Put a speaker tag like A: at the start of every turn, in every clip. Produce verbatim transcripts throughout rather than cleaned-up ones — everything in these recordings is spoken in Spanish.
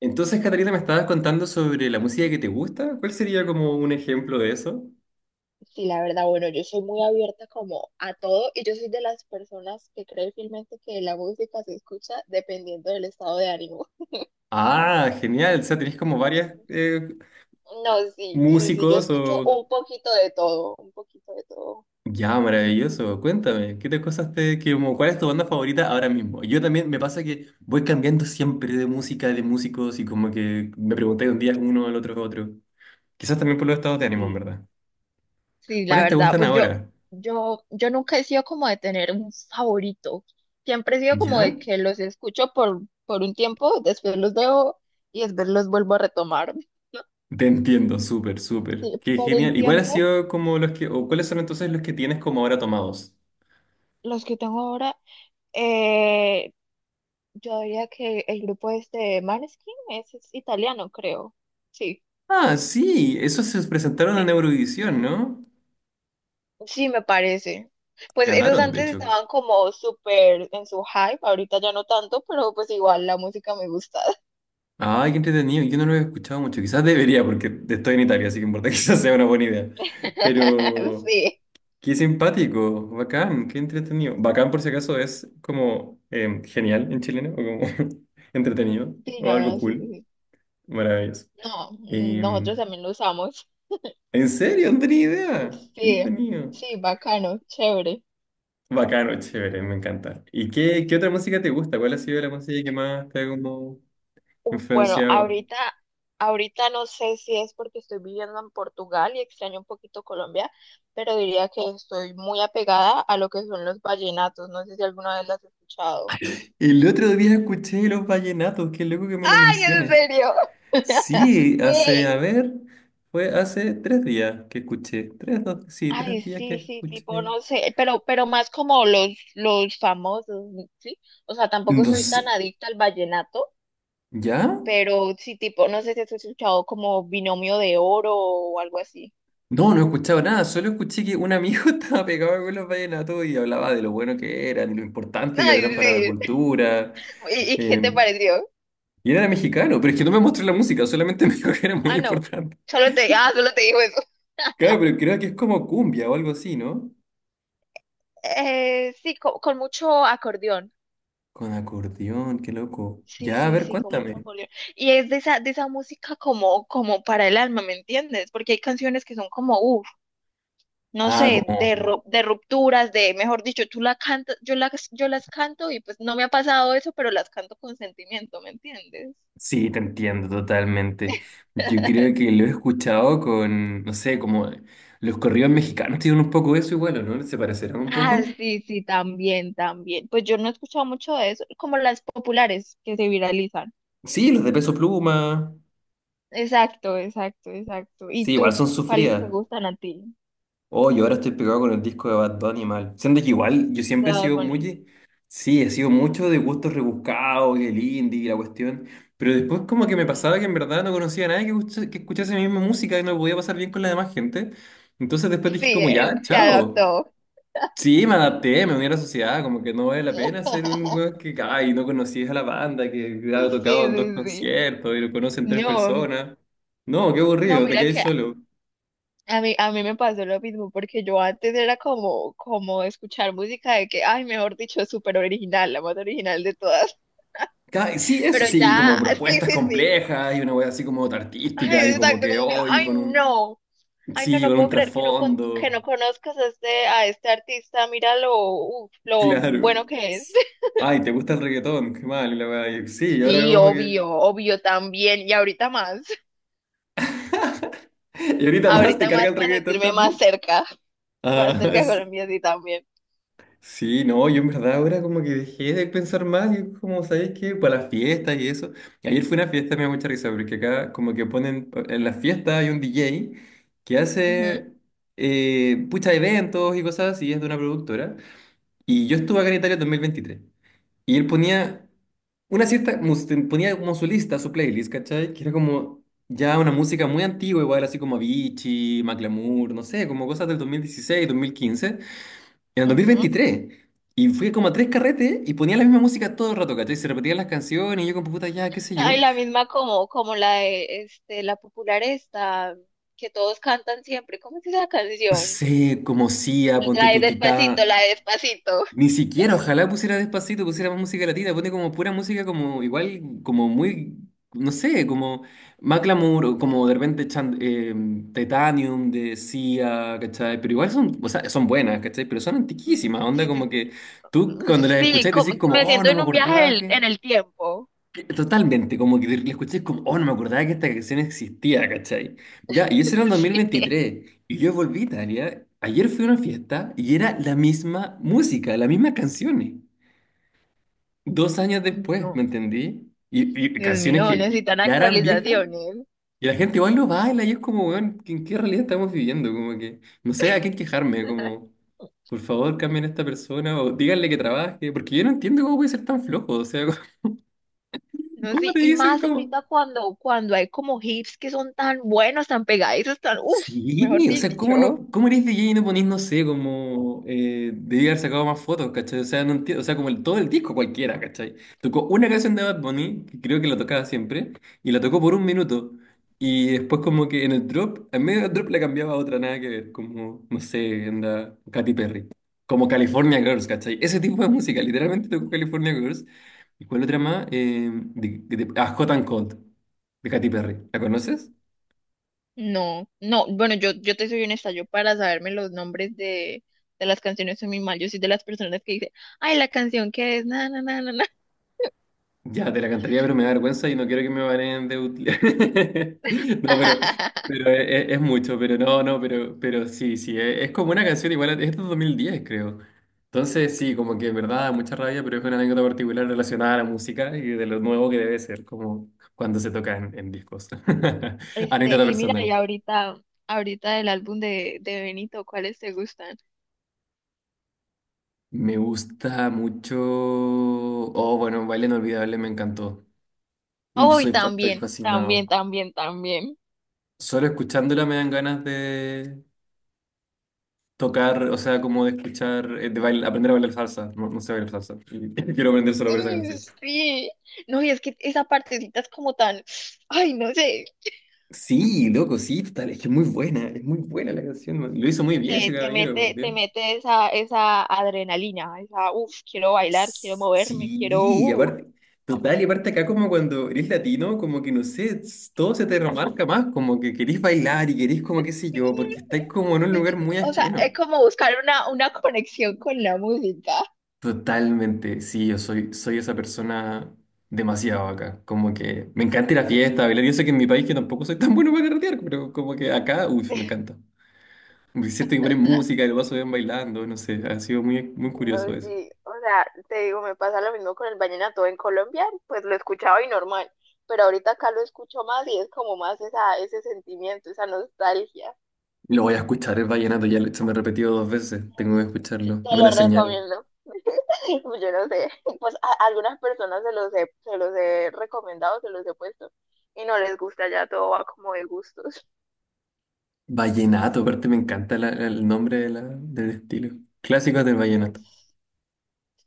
A: Entonces, Catalina, me estabas contando sobre la música que te gusta. ¿Cuál sería como un ejemplo de eso?
B: Sí, la verdad, bueno, yo soy muy abierta como a todo y yo soy de las personas que cree fielmente que la música se escucha dependiendo del estado de ánimo.
A: Ah, genial. O sea, tenés como varias eh,
B: No, sí, sí, sí, yo
A: músicos
B: escucho
A: o...
B: un poquito de todo, un poquito de todo.
A: Ya, maravilloso. Cuéntame, ¿qué te cosas te, que como- cuál es tu banda favorita ahora mismo? Yo también me pasa que voy cambiando siempre de música, de músicos y como que me pregunté un día uno, al otro, otro. Quizás también por los estados de ánimo, en
B: Sí,
A: verdad.
B: sí, la
A: ¿Cuáles te
B: verdad,
A: gustan
B: pues yo,
A: ahora?
B: yo, yo nunca he sido como de tener un favorito. Siempre he sido como de
A: ¿Ya?
B: que los escucho por, por un tiempo, después los dejo y después los vuelvo a retomar.
A: Te entiendo, súper, súper.
B: Sí,
A: Qué
B: por un
A: genial. ¿Y cuál ha
B: tiempo,
A: sido como los que, o cuáles son entonces los que tienes como ahora tomados?
B: los que tengo ahora, eh, yo diría que el grupo este Maneskin es, es italiano, creo. Sí,
A: Ah, sí, esos se presentaron en
B: sí,
A: Eurovisión, ¿no?
B: sí, me parece. Pues esos
A: Ganaron, de
B: antes
A: hecho.
B: estaban como súper en su hype, ahorita ya no tanto, pero pues igual la música me gusta.
A: Ay, qué entretenido. Yo no lo he escuchado mucho. Quizás debería, porque estoy en Italia, así que en verdad quizás sea una buena idea. Pero
B: Sí,
A: qué simpático, bacán, qué entretenido. Bacán, por si acaso, es como em, genial en chileno, o como entretenido,
B: sí,
A: o
B: no,
A: algo
B: no, sí, sí,
A: cool,
B: sí.
A: maravilloso.
B: No, nosotros
A: Em,
B: también lo usamos.
A: ¿En serio? No tenía idea. Qué
B: Sí,
A: entretenido.
B: sí, bacano, chévere.
A: Bacano, chévere, me encanta. ¿Y qué, qué otra música te gusta? ¿Cuál ha sido la música que más te ha como
B: Bueno,
A: influenciado?
B: ahorita, ahorita no sé si es porque estoy viviendo en Portugal y extraño un poquito Colombia, pero diría que estoy muy apegada a lo que son los vallenatos. No sé si alguna vez las has escuchado.
A: El otro día escuché los vallenatos, qué loco que me lo
B: ¡Ay, en
A: menciones.
B: serio!
A: Sí, hace, a
B: Sí.
A: ver, fue hace tres días que escuché. Tres, dos, sí, tres
B: Ay,
A: días que
B: sí, sí, tipo,
A: escuché.
B: no sé, pero, pero más como los, los famosos, ¿sí? O sea, tampoco
A: No
B: soy tan
A: sé,
B: adicta al vallenato,
A: ¿ya?
B: pero sí, tipo, no sé si has escuchado como Binomio de Oro o algo así.
A: No, no he escuchado nada, solo escuché que un amigo estaba pegado con los vallenatos y hablaba de lo bueno que eran y lo importante que eran
B: ¡Ay,
A: para la
B: sí!
A: cultura.
B: ¿Y, y qué te
A: Eh,
B: pareció?
A: Y él era mexicano, pero es que no me mostró la música, solamente me dijo que era muy
B: Ah, no.
A: importante.
B: Solo te, ah, solo te dijo eso.
A: Claro, pero creo que es como cumbia o algo así, ¿no?
B: Eh, sí, co- con mucho acordeón.
A: Con acordeón, qué loco.
B: Sí,
A: Ya, a
B: sí,
A: ver,
B: sí, con mucho
A: cuéntame.
B: acordeón. Y es de esa, de esa música como, como para el alma, ¿me entiendes? Porque hay canciones que son como, uff, no
A: Ah,
B: sé,
A: como,
B: de, ru- de rupturas, de, mejor dicho, tú la cantas, yo las, yo las canto y pues no me ha pasado eso, pero las canto con sentimiento, ¿me entiendes?
A: sí, te entiendo totalmente. Yo creo que lo he escuchado con, no sé, como los corridos mexicanos tienen un poco eso igual, ¿o no? ¿Se parecerán un
B: Ah,
A: poco?
B: sí, sí, también, también. Pues yo no he escuchado mucho de eso, como las populares que se viralizan.
A: Sí, los de Peso Pluma.
B: Exacto, exacto, exacto. ¿Y
A: Sí, igual
B: tú?
A: son
B: ¿Cuáles te
A: sufridas.
B: gustan a ti
A: Oh, yo ahora estoy pegado con el disco de Bad Bunny mal. Siendo que igual, yo
B: de
A: siempre he
B: Bad
A: sido
B: Bunny?
A: muy. Sí, he sido mucho de gustos rebuscados, y el indie y la cuestión. Pero después como que me
B: Mm,
A: pasaba que en verdad no conocía a nadie que, escucha- que escuchase mi misma música y no lo podía pasar bien con la demás gente. Entonces después dije
B: Sí,
A: como, ya,
B: eh, se
A: chao.
B: adaptó.
A: Sí, me adapté, me uní a la sociedad, como que no vale la pena ser un weón que, ay, no conocías a la banda, que ha
B: Sí,
A: tocado en
B: sí,
A: dos
B: sí.
A: conciertos y lo conocen tres
B: No, mm,
A: personas. No, qué
B: no,
A: aburrido, te
B: mira
A: quedáis
B: que
A: solo.
B: a mí, a mí me pasó lo mismo, porque yo antes era como, como escuchar música de que, ay, mejor dicho, súper original, la más original de todas.
A: Ca- Sí, eso,
B: Pero
A: sí,
B: ya,
A: como
B: sí,
A: propuestas
B: sí, sí.
A: complejas y una wea así como artística y
B: Ay,
A: como
B: exacto,
A: que
B: como que,
A: hoy
B: ay,
A: con un,
B: no. Ay, no,
A: sí,
B: no
A: con un
B: puedo creer que no, con- que no
A: trasfondo,
B: conozcas a este, a este artista. Mira lo, uf, lo bueno
A: claro.
B: que es.
A: Ay, ¿te gusta el reggaetón? Qué mal, y la wea, y sí, y ahora
B: Sí,
A: como que,
B: obvio, obvio también. Y ahorita más.
A: y ahorita más te
B: Ahorita
A: carga
B: más
A: el
B: para
A: reggaetón
B: sentirme más
A: también.
B: cerca. Más
A: Ah,
B: cerca de Colombia, sí, también.
A: sí, no, yo en verdad ahora como que dejé de pensar más, y como sabes que para las fiestas y eso. Ayer fue una fiesta, me da mucha risa, porque acá como que ponen, en las fiestas hay un D J que
B: Ujú.
A: hace eh, pucha eventos y cosas así, es de una productora. Y yo estuve acá en Italia en dos mil veintitrés. Y él ponía una cierta, mus- ponía como su lista, su playlist, ¿cachai? Que era como ya una música muy antigua, igual así como Avicii, Macklemore, no sé, como cosas del dos mil dieciséis, dos mil quince. En el dos mil
B: Ujú.
A: veintitrés Y fui como a tres carretes y ponía la misma música todo el rato, ¿cachai? Se repetían las canciones y yo con puta ya, qué sé yo.
B: Ay, la misma como, como la de este, la popular esta, que todos cantan siempre. ¿Cómo es esa
A: No
B: canción?
A: sé, como Sia, ponte
B: La de
A: tu Titá.
B: Despacito, la de Despacito.
A: Ni siquiera, ojalá pusiera despacito, pusiera más música latina, pone como pura música como igual, como muy, no sé, como Macklemore, o como de repente Chan- eh, Titanium de Sia, ¿cachai? Pero igual son, o sea, son buenas, ¿cachai? Pero son
B: Mm,
A: antiquísimas, onda
B: Sí, sí,
A: como
B: sí.
A: que tú cuando las
B: Sí,
A: escuchás
B: como-
A: decís como,
B: me
A: oh,
B: siento
A: no me
B: en un viaje
A: acordaba
B: del-
A: que.
B: en el tiempo.
A: Totalmente, como que le escuché es como, oh, no me acordaba que esta canción existía, ¿cachai? Ya, y eso era en
B: Sí.
A: dos mil veintitrés, y yo volví a Italia, ayer fui a una fiesta y era la misma música, las mismas canciones, dos años después, ¿me
B: No,
A: entendí? Y, y
B: Dios
A: canciones que
B: mío,
A: y-
B: necesitan
A: ya eran viejas,
B: actualizaciones.
A: y la gente igual lo baila, y es como, weón, ¿en qué realidad estamos viviendo? Como que, no sé a quién quejarme, como, por favor, cambien a esta persona, o díganle que trabaje, porque yo no entiendo cómo puede ser tan flojo, o sea,
B: No,
A: ¿cómo
B: sí,
A: te
B: y
A: dicen
B: más
A: como.
B: ahorita cuando, cuando hay como hips que son tan buenos, tan pegadizos, tan, uff, mejor
A: Sí, o sea, ¿cómo
B: dicho.
A: no, cómo eres D J y no ponís, no sé, como eh, debí haber sacado más fotos, ¿cachai? O sea, no entiendo, o sea, como el, todo el disco cualquiera, ¿cachai? Tocó una canción de Bad Bunny, que creo que la tocaba siempre, y la tocó por un minuto. Y después como que en el drop, en medio del drop le cambiaba a otra, nada que ver, como, no sé, anda Katy Perry. Como California Girls, ¿cachai? Ese tipo de música, literalmente tocó California Girls. ¿Y cuál otra más? Eh, de, de- ah, Hot and Cold, de Katy Perry. ¿La conoces?
B: No, no, bueno, yo, yo te soy honesta, yo para saberme los nombres de, de las canciones soy muy mal, yo soy de las personas que dice ay, la canción que es, na, na, na, na, na.
A: Ya, te la cantaría, pero me da vergüenza y no quiero que me baneen de utilidad. No, pero, pero es, es- es mucho, pero no, no, pero, pero sí, sí, es, es como una canción igual, a- es de dos mil diez creo. Entonces, sí, como que en verdad da mucha rabia, pero es una anécdota particular relacionada a la música y de lo nuevo que debe ser, como cuando se toca en, en discos.
B: Este,
A: Anécdota
B: y mira,
A: personal.
B: y ahorita, ahorita del álbum de, de Benito, ¿cuáles te gustan?
A: Me gusta mucho. Oh, bueno, Baile Inolvidable me encantó.
B: Oh, y
A: Soy, fa- estoy
B: también,
A: fascinado.
B: también, también, también.
A: Solo escuchándola me dan ganas de, tocar, o sea, como de escuchar, eh, de bail- aprender a bailar salsa. No, no sé bailar salsa. Y quiero aprender solo por esa
B: Mm,
A: canción.
B: Sí, no, y es que esa partecita es como tan, ay, no sé,
A: Sí, loco, sí, total, es que es muy buena, es muy buena la canción, man. Lo hizo muy bien ese
B: te, te
A: caballero, por
B: mete,
A: Dios.
B: te mete esa, esa adrenalina, esa, uff, quiero bailar, quiero moverme,
A: Sí,
B: quiero,
A: y
B: uh.
A: aparte, total, y aparte acá como cuando eres latino, como que no sé, s- todo se te remarca más, como que querés bailar y querés como qué sé yo, porque
B: Mm,
A: estáis como en un
B: sí,
A: lugar
B: co-
A: muy
B: co- o sea, es
A: ajeno.
B: como buscar una, una conexión con la música.
A: Totalmente, sí, yo soy, soy esa persona demasiado acá. Como que me encanta ir a fiesta, bailar. Yo sé que en mi país que tampoco soy tan bueno para carretear, pero como que acá, uy, me encanta. Me siento que ponen música y lo paso bien bailando, no sé, ha sido muy, muy curioso
B: No,
A: eso.
B: sí, o sea, te digo, me pasa lo mismo con el vallenato en Colombia, pues lo escuchaba y normal, pero ahorita acá lo escucho más y es como más esa, ese sentimiento, esa nostalgia.
A: Lo voy a escuchar, el vallenato, ya lo- se me ha repetido dos veces,
B: Sí,
A: tengo que
B: sí, sí. Sí,
A: escucharlo.
B: te
A: Es una
B: lo
A: señal.
B: recomiendo. Pues yo no sé, pues a a algunas personas se los he, se los he recomendado, se los he puesto y no les gusta, ya todo va como de gustos.
A: Vallenato, aparte me encanta la- la- el nombre de la- del estilo. Clásicos del
B: Mm,
A: vallenato,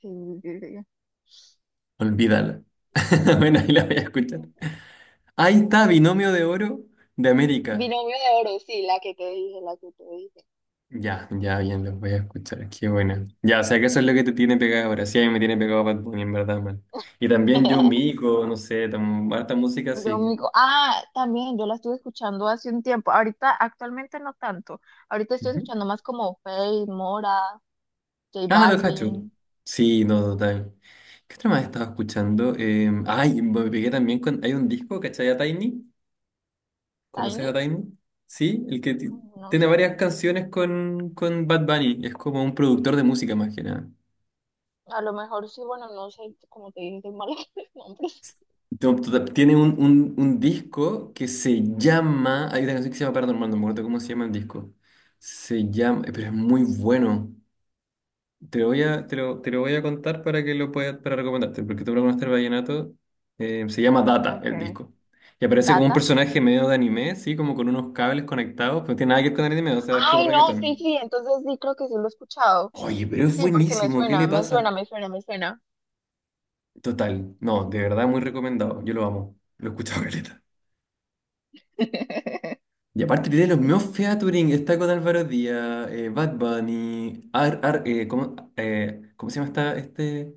B: Sí, sí, sí.
A: olvídala.
B: Mm.
A: Bueno, ahí la voy a escuchar. Ahí está, Binomio de Oro de América.
B: Binomio de Oro, sí, la que te dije, la que te dije.
A: Ya, ya, bien, los voy a escuchar. Qué buena. Ya, o sea que eso es lo que te tiene pegado ahora. Sí, a mí me tiene pegado Bad Bunny, en verdad, man. Y también John Mico, no sé, tam- harta música,
B: Yo me
A: sí.
B: digo, ah, también yo la estuve escuchando hace un tiempo. Ahorita, actualmente no tanto. Ahorita estoy
A: Ujú.
B: escuchando más como Faye, Mora, J
A: Ah, los cachos.
B: Balvin,
A: Sí, no, total. ¿Qué otra más estaba escuchando? Eh, ay, me pegué también con. Hay un disco, ¿cachai? A Tiny. ¿Conoces
B: Tiny.
A: a Tiny? Sí, el que ti-
B: No
A: tiene
B: sé,
A: varias canciones con, con Bad Bunny. Es como un productor de música, más que nada.
B: a lo mejor sí, bueno, no sé, como te dije, soy mala con los nombres.
A: Tom- tota- Tiene un, un, un disco que se llama. Hay una canción que se llama Paranormal, no me acuerdo cómo se llama el disco. Se llama. eh, Pero es muy bueno. Te lo voy a, te lo, te lo voy a contar para que lo puedas, para recomendarte, porque tú lo conoces el vallenato. eh, se llama Data el
B: Okay.
A: disco. Y aparece como un
B: Data.
A: personaje medio de anime, sí, como con unos cables conectados, pero no tiene nada que ver con anime, o sea, es puro
B: Ay, no, sí,
A: reggaetón.
B: sí, entonces sí, creo que sí lo he escuchado.
A: Oye, pero es
B: Sí, porque me
A: buenísimo, ¿qué
B: suena,
A: le
B: me
A: pasa?
B: suena, me suena, me suena.
A: Total, no, de verdad muy recomendado, yo lo amo, lo he escuchado caleta. Y aparte tiene los mismos featuring, está con Álvaro Díaz, eh, Bad Bunny, Ar, Ar- eh, ¿cómo, eh, cómo se llama esta, este?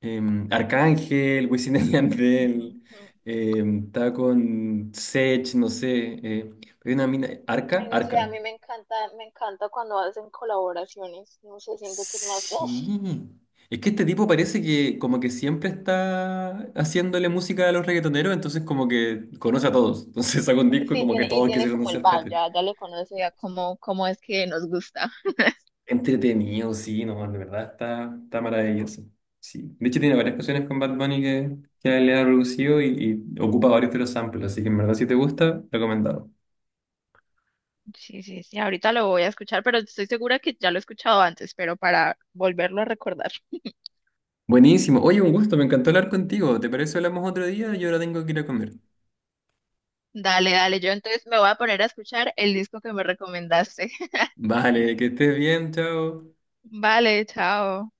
A: Em, Arcángel, Wisin y
B: Ujú,
A: Yandel,
B: ujú.
A: em, está con Sech, no sé, eh, hay una mina, Arca,
B: Ay, no sé, a
A: Arca.
B: mí me encanta, me encanta cuando hacen colaboraciones. No sé, siento que es más, uff,
A: Sí, es que este tipo parece que como que siempre está haciéndole música a los reggaetoneros, entonces como que conoce a todos, entonces saca un disco y
B: sí,
A: como que
B: tiene, y
A: todos
B: tiene
A: quisieron
B: como el
A: hacer
B: vibe,
A: featuring.
B: ya, ya le conoce ya cómo, cómo es que nos gusta.
A: Entretenido, sí, no, de verdad está, está maravilloso. Sí. De hecho, tiene varias canciones con Bad Bunny que, que él le ha producido y, y ocupa varios de los samples, así que en verdad si te gusta, recomendado.
B: Sí, sí, sí, ahorita lo voy a escuchar, pero estoy segura que ya lo he escuchado antes, pero para volverlo a recordar.
A: Buenísimo. Oye, un gusto, me encantó hablar contigo. ¿Te parece si hablamos otro día? Yo ahora tengo que ir a comer.
B: Dale, dale, yo entonces me voy a poner a escuchar el disco que me recomendaste.
A: Vale, que estés bien, chao.
B: Vale, chao.